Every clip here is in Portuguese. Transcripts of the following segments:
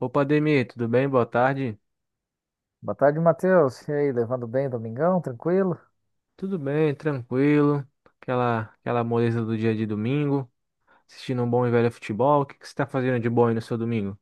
Opa, Ademir, tudo bem? Boa tarde. Boa tarde, Matheus. E aí, levando bem, o Domingão? Tranquilo? Tudo bem, tranquilo. Aquela moleza do dia de domingo. Assistindo um bom e velho futebol. O que que você está fazendo de bom aí no seu domingo?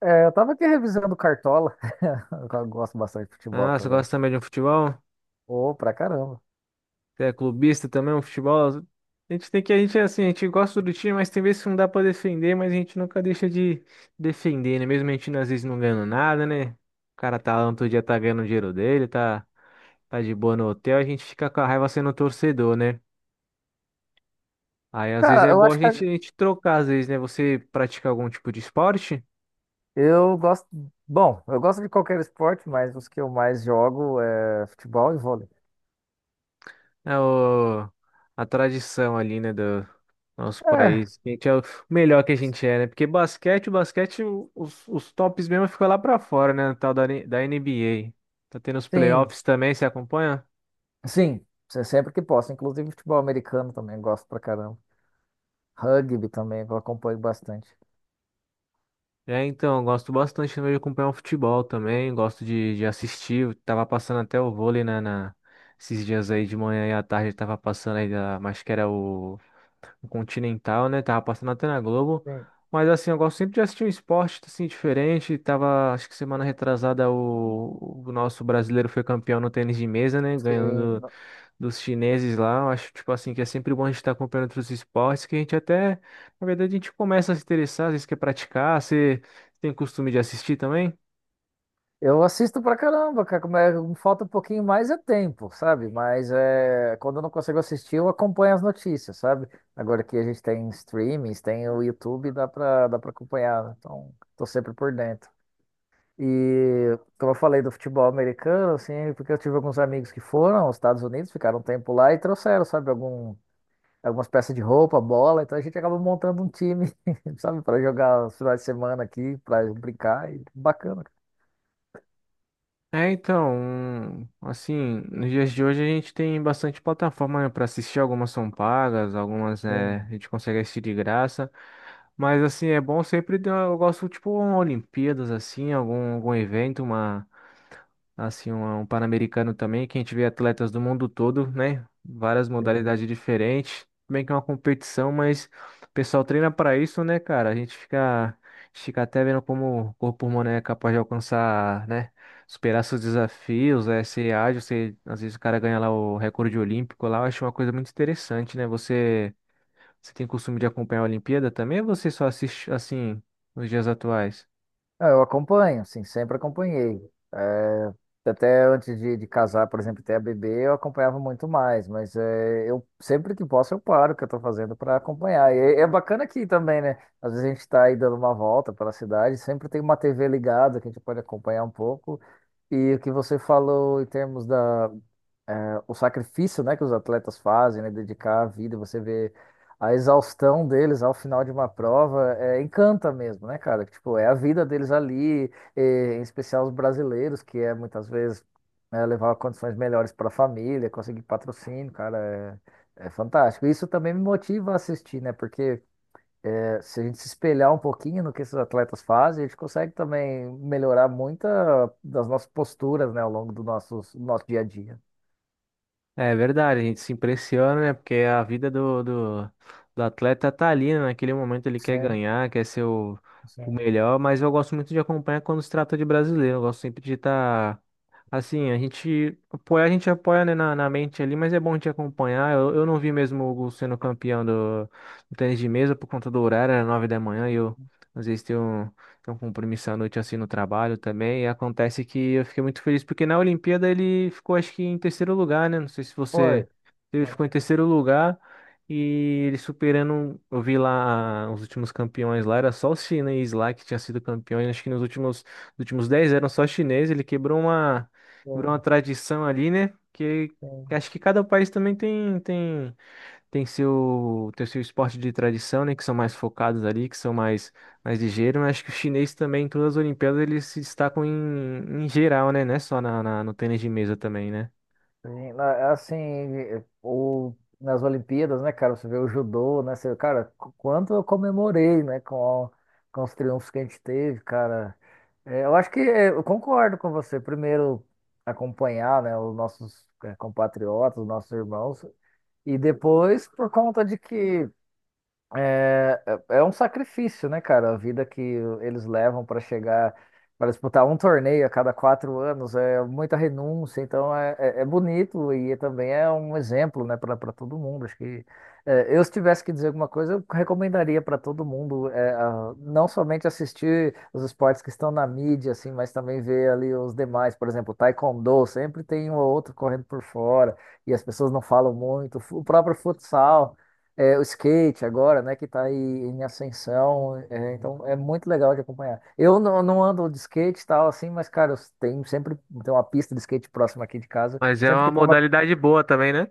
É, eu tava aqui revisando Cartola. Eu gosto bastante de futebol Ah, você também. gosta também de um futebol? Ô, pra caramba. Você é clubista também, um futebol? A gente é assim, a gente gosta do time, mas tem vezes que não dá pra defender, mas a gente nunca deixa de defender, né? Mesmo a gente às vezes não ganhando nada, né? O cara tá lá, no outro dia tá ganhando o dinheiro dele, tá de boa no hotel, a gente fica com a raiva sendo torcedor, né? Aí às vezes Cara, é eu bom acho que a gente trocar, às vezes, né? Você pratica algum tipo de esporte? eu gosto. Bom, eu gosto de qualquer esporte, mas os que eu mais jogo é futebol e vôlei. É o, a tradição ali, né, do nosso É, país. A gente é o melhor que a gente é, né? Porque os tops mesmo ficam lá pra fora, né? No Tal da, da NBA. Tá tendo os sim, playoffs também, você acompanha? sim. Sempre que posso. Inclusive futebol americano também eu gosto pra caramba. Rugby também eu acompanho bastante. É, então, eu gosto bastante também de acompanhar o futebol também, gosto de assistir. Tava passando até o vôlei na esses dias aí de manhã e à tarde, tava passando aí, da, acho que era o. O Continental, né? Tava passando até na Globo. Sim. Mas assim, eu gosto sempre de assistir um esporte assim diferente. Tava, acho que semana retrasada o nosso brasileiro foi campeão no tênis de mesa, né? Sim. Ganhando dos chineses lá. Eu acho tipo assim que é sempre bom a gente estar acompanhando outros esportes que a gente até, na verdade, a gente começa a se interessar, às vezes quer praticar. Você tem costume de assistir também? Eu assisto pra caramba, cara. Como falta um pouquinho mais é tempo, sabe? Mas é, quando eu não consigo assistir, eu acompanho as notícias, sabe? Agora que a gente tem streamings, tem o YouTube, dá pra acompanhar, né? Então, tô sempre por dentro. E como eu falei do futebol americano, assim, porque eu tive alguns amigos que foram aos Estados Unidos, ficaram um tempo lá e trouxeram, sabe, algum, algumas peças de roupa, bola. Então a gente acaba montando um time, sabe, para jogar os finais de semana aqui, para brincar. E bacana, cara. É, então, assim, nos dias de hoje a gente tem bastante plataforma, né, para assistir, algumas são pagas, algumas é, a Sim, gente consegue assistir de graça, mas assim, é bom sempre, eu gosto, tipo, uma Olimpíadas, assim, algum, algum evento, uma, assim, um Pan-Americano também, que a gente vê atletas do mundo todo, né? Várias sim. modalidades diferentes. Tudo bem que é uma competição, mas o pessoal treina para isso, né, cara? A gente fica até vendo como o corpo humano é capaz de alcançar, né? Superar seus desafios, é, ser ágil, ser, às vezes o cara ganha lá o recorde olímpico lá, eu acho uma coisa muito interessante, né? Você tem costume de acompanhar a Olimpíada também ou você só assiste assim nos dias atuais? Ah, eu acompanho, sim, sempre acompanhei. É, até antes de casar, por exemplo, ter a bebê, eu acompanhava muito mais, mas é, eu sempre que posso eu paro o que eu estou fazendo para acompanhar. E é, é bacana aqui também, né? Às vezes a gente está aí dando uma volta pela cidade, sempre tem uma TV ligada que a gente pode acompanhar um pouco. E o que você falou em termos da, é, o sacrifício, né, que os atletas fazem, né, dedicar a vida, você vê a exaustão deles ao final de uma prova, é, encanta mesmo, né, cara? Tipo, é a vida deles ali, e, em especial os brasileiros, que é muitas vezes né, levar condições melhores para a família, conseguir patrocínio, cara, é, é fantástico. Isso também me motiva a assistir, né, porque é, se a gente se espelhar um pouquinho no que esses atletas fazem, a gente consegue também melhorar muita das nossas posturas, né, ao longo do nosso dia a dia. É verdade, a gente se impressiona, né? Porque a vida do atleta tá ali, né? Naquele momento ele quer Sim. ganhar, quer ser o Sim. melhor, mas eu gosto muito de acompanhar quando se trata de brasileiro. Eu gosto sempre de estar. Assim, a gente apoia, né, na, na mente ali, mas é bom te acompanhar. Eu não vi mesmo o Hugo sendo campeão do, do tênis de mesa por conta do horário, era nove da manhã, e eu às vezes tenho. Tem um compromisso à noite assim no trabalho também. E acontece que eu fiquei muito feliz porque na Olimpíada ele ficou, acho que, em terceiro lugar, né? Não sei se você. Foi. Ele Foi. ficou em terceiro lugar e ele superando. Eu vi lá ah, os últimos campeões lá, era só os chineses lá que tinham sido campeões. Acho que nos últimos 10 eram só chineses. Ele quebrou uma Pô, tradição ali, né? Que sim. acho que cada país também tem, tem. Tem seu esporte de tradição, né? Que são mais focados ali, que são mais, mais ligeiros. Mas acho que o chinês também, em todas as Olimpíadas, eles se destacam em geral, né? Não é só no tênis de mesa também, né? Sim, na- Assim, o, nas Olimpíadas, né, cara, você vê o judô, né, você, cara, quanto eu comemorei, né, com os triunfos que a gente teve, cara. É, eu acho que é, eu concordo com você, primeiro acompanhar, né, os nossos é, compatriotas, os nossos irmãos, e depois por conta de que é, é um sacrifício, né, cara? A vida que eles levam para chegar, para disputar um torneio a cada 4 anos, é muita renúncia. Então é, é bonito e também é um exemplo, né, para todo mundo. Acho que é, eu, se tivesse que dizer alguma coisa, eu recomendaria para todo mundo é, não somente assistir os esportes que estão na mídia, assim, mas também ver ali os demais. Por exemplo, Taekwondo, sempre tem um ou outro correndo por fora e as pessoas não falam muito. O próprio futsal. É, o skate agora, né, que tá aí em ascensão, é, então é muito legal de acompanhar. Eu não, não ando de skate e tal, assim, mas, cara, eu tenho sempre tem uma pista de skate próxima aqui de casa. Mas é Sempre uma que tem uma. modalidade boa também, né?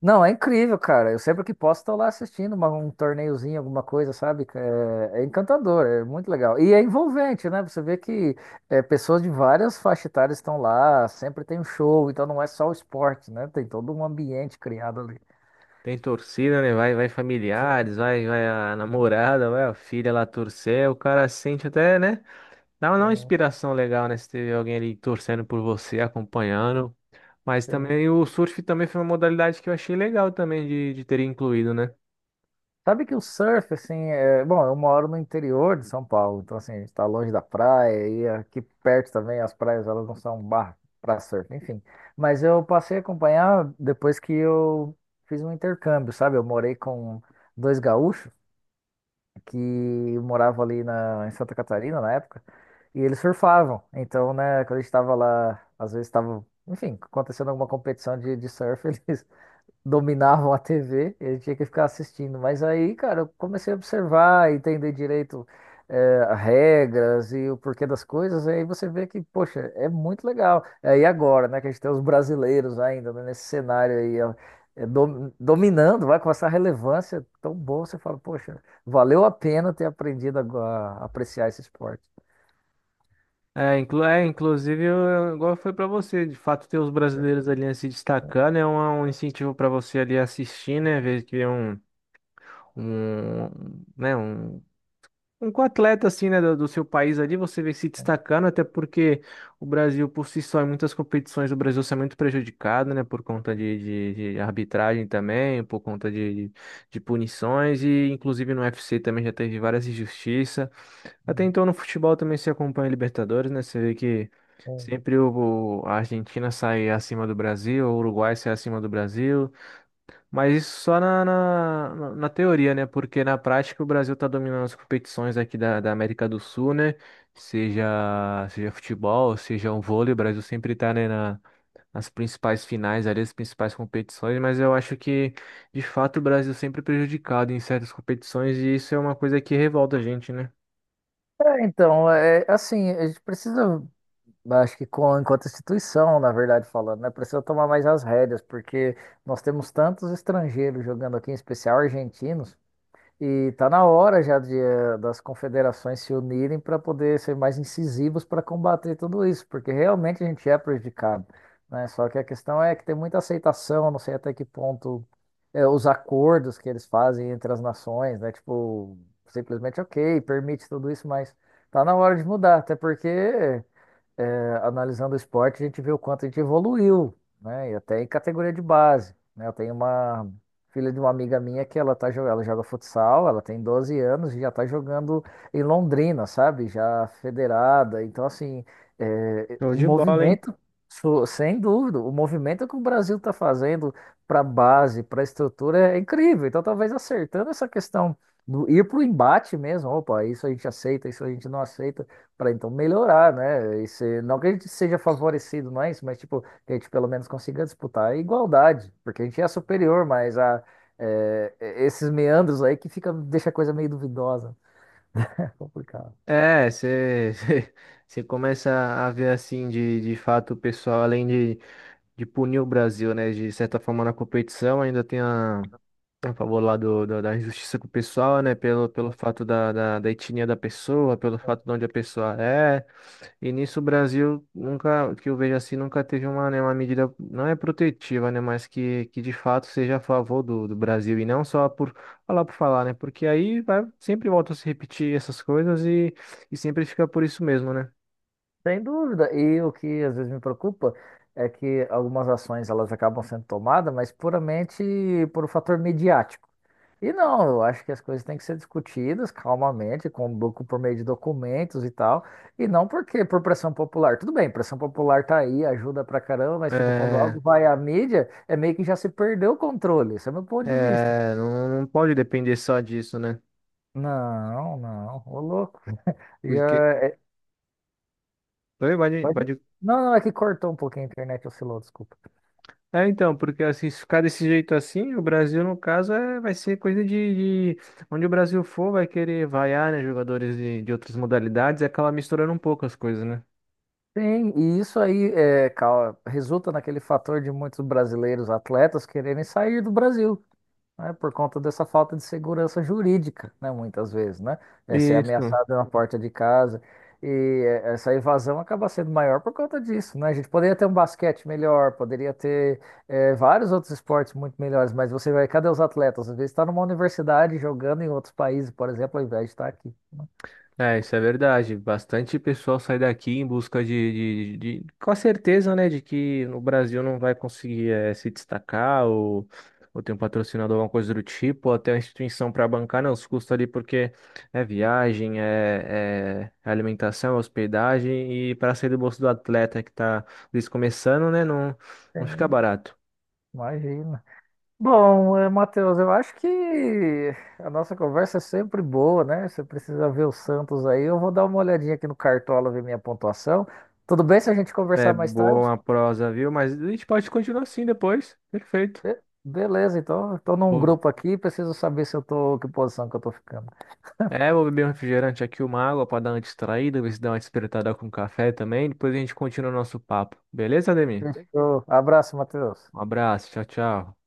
Não, é incrível, cara. Eu sempre que posso tô lá assistindo um torneiozinho, alguma coisa, sabe? É, é encantador, é muito legal. E é envolvente, né? Você vê que é, pessoas de várias faixas etárias estão lá, sempre tem um show, então não é só o esporte, né? Tem todo um ambiente criado ali. Tem torcida, né? Vai, vai Sim, familiares, vai, vai a namorada, vai a filha lá torcer. O cara sente até, né? Dá uma sim, inspiração legal, né? Se teve alguém ali torcendo por você, acompanhando. Mas sim. também o surf também foi uma modalidade que eu achei legal também de ter incluído, né? Sabe que o surf, assim, é bom, eu moro no interior de São Paulo, então, assim, a gente tá longe da praia e aqui perto também as praias, elas não são um bar para surf, enfim. Mas eu passei a acompanhar depois que eu fiz um intercâmbio, sabe? Eu morei com dois gaúchos que moravam ali na em Santa Catarina na época e eles surfavam. Então, né, quando a gente tava lá, às vezes tava, enfim, acontecendo alguma competição de surf, eles dominavam a TV, ele tinha que ficar assistindo. Mas aí, cara, eu comecei a observar, entender direito, regras e o porquê das coisas, e aí você vê que, poxa, é muito legal. É, e agora, né, que a gente tem os brasileiros ainda, né, nesse cenário aí, ó, dominando, vai com essa relevância tão boa, você fala, poxa, valeu a pena ter aprendido a, a apreciar esse esporte. Inclusive, igual foi para você, de fato, ter os É, brasileiros ali se destacando é um incentivo para você ali assistir, né, é, ver que é um, um, né, um atleta, assim, né, do, do seu país ali, você vê se destacando, até porque o Brasil, por si só, em muitas competições, o Brasil é muito prejudicado, né, por conta de arbitragem também, por conta de punições, e inclusive no U F C também já teve várias injustiças, até então no futebol também se acompanha Libertadores, né? Você vê que é. sempre a Argentina sai acima do Brasil, o Uruguai sai acima do Brasil, mas isso só na teoria, né? Porque na prática o Brasil tá dominando as competições aqui da, da América do Sul, né? Seja, seja futebol, seja um vôlei, o Brasil sempre tá, né, na, nas principais finais ali, as principais competições, mas eu acho que, de fato, o Brasil sempre é prejudicado em certas competições e isso é uma coisa que revolta a gente, né? É, então, é, assim, a gente precisa. Acho que com, enquanto instituição, na verdade, falando, né? Precisa tomar mais as rédeas, porque nós temos tantos estrangeiros jogando aqui, em especial argentinos, e tá na hora já de, das confederações se unirem para poder ser mais incisivos para combater tudo isso, porque realmente a gente é prejudicado, né? Só que a questão é que tem muita aceitação, não sei até que ponto os acordos que eles fazem entre as nações, né? Tipo, simplesmente, ok, permite tudo isso, mas tá na hora de mudar, até porque é, analisando o esporte, a gente vê o quanto a gente evoluiu, né? E até em categoria de base, né? Eu tenho uma filha de uma amiga minha que ela tá, ela joga futsal, ela tem 12 anos e já tá jogando em Londrina, sabe? Já federada. Então, assim, é, Show o de bola, hein? movimento, sem dúvida, o movimento que o Brasil tá fazendo para base, para estrutura é incrível. Então, talvez acertando essa questão do ir para o embate mesmo, opa, isso a gente aceita, isso a gente não aceita para então melhorar, né? E não que a gente seja favorecido, não é isso, mas tipo, que a gente pelo menos consiga disputar a igualdade, porque a gente é superior, mas a, é, esses meandros aí que fica, deixa a coisa meio duvidosa. É complicado. É, você você começa a ver assim de fato o pessoal, além de punir o Brasil, né? De certa forma na competição, ainda tem a favor lá do, da injustiça com o pessoal, né? Pelo fato da etnia da pessoa, pelo fato de onde a pessoa é. E nisso o Brasil nunca, que eu vejo assim, nunca teve uma, né, uma medida, não é protetiva, né, mas que de fato seja a favor do, do Brasil e não só por falar, né, porque aí vai, sempre volta a se repetir essas coisas e sempre fica por isso mesmo, né. Sem dúvida. E o que às vezes me preocupa é que algumas ações elas acabam sendo tomadas, mas puramente por um fator midiático. E não, eu acho que as coisas têm que ser discutidas calmamente, com, por meio de documentos e tal, e não porque por pressão popular. Tudo bem, pressão popular tá aí, ajuda pra caramba, mas tipo, quando É, algo vai à mídia, é meio que já se perdeu o controle. Esse é meu ponto de vista. é, não, não pode depender só disso, né, Não, não, ô louco. porque... Já é- Oi, pode, pode- pode Não, não, é que cortou um pouquinho a internet, oscilou, desculpa. É, então, porque assim, se ficar desse jeito assim, o Brasil, no caso, é, vai ser coisa onde o Brasil for, vai querer vaiar, né, jogadores de outras modalidades e acaba misturando um pouco as coisas, né? Sim, e isso aí é, resulta naquele fator de muitos brasileiros atletas quererem sair do Brasil, né, por conta dessa falta de segurança jurídica, né, muitas vezes, né? É ser Isso. ameaçado na porta de casa e essa evasão acaba sendo maior por conta disso, né? A gente poderia ter um basquete melhor, poderia ter vários outros esportes muito melhores, mas você vai, cadê os atletas? Às vezes está numa universidade jogando em outros países, por exemplo, ao invés de estar aqui, né. É, isso é verdade. Bastante pessoal sai daqui em busca de com a certeza, né, de que no Brasil não vai conseguir se destacar ou ter um patrocinador, alguma coisa do tipo, ou até uma instituição para bancar, não, os custos ali, porque é viagem, é alimentação, é hospedagem, e para sair do bolso do atleta que está começando, né, não, não fica Tem, barato. imagina. Bom, Matheus, eu acho que a nossa conversa é sempre boa, né? Você precisa ver o Santos aí. Eu vou dar uma olhadinha aqui no Cartola, ver minha pontuação. Tudo bem se a gente É conversar mais tarde? boa a prosa, viu? Mas a gente pode continuar assim depois. Perfeito. Beleza, então. Estou num Vou- grupo aqui, preciso saber se eu tô, que posição que eu tô ficando. É, vou beber um refrigerante aqui, uma água para dar uma distraída, ver se dá uma despertada com café também. Depois a gente continua o nosso papo. Beleza, Ademir? Fechou. Abraço, Matheus. Um abraço, tchau, tchau.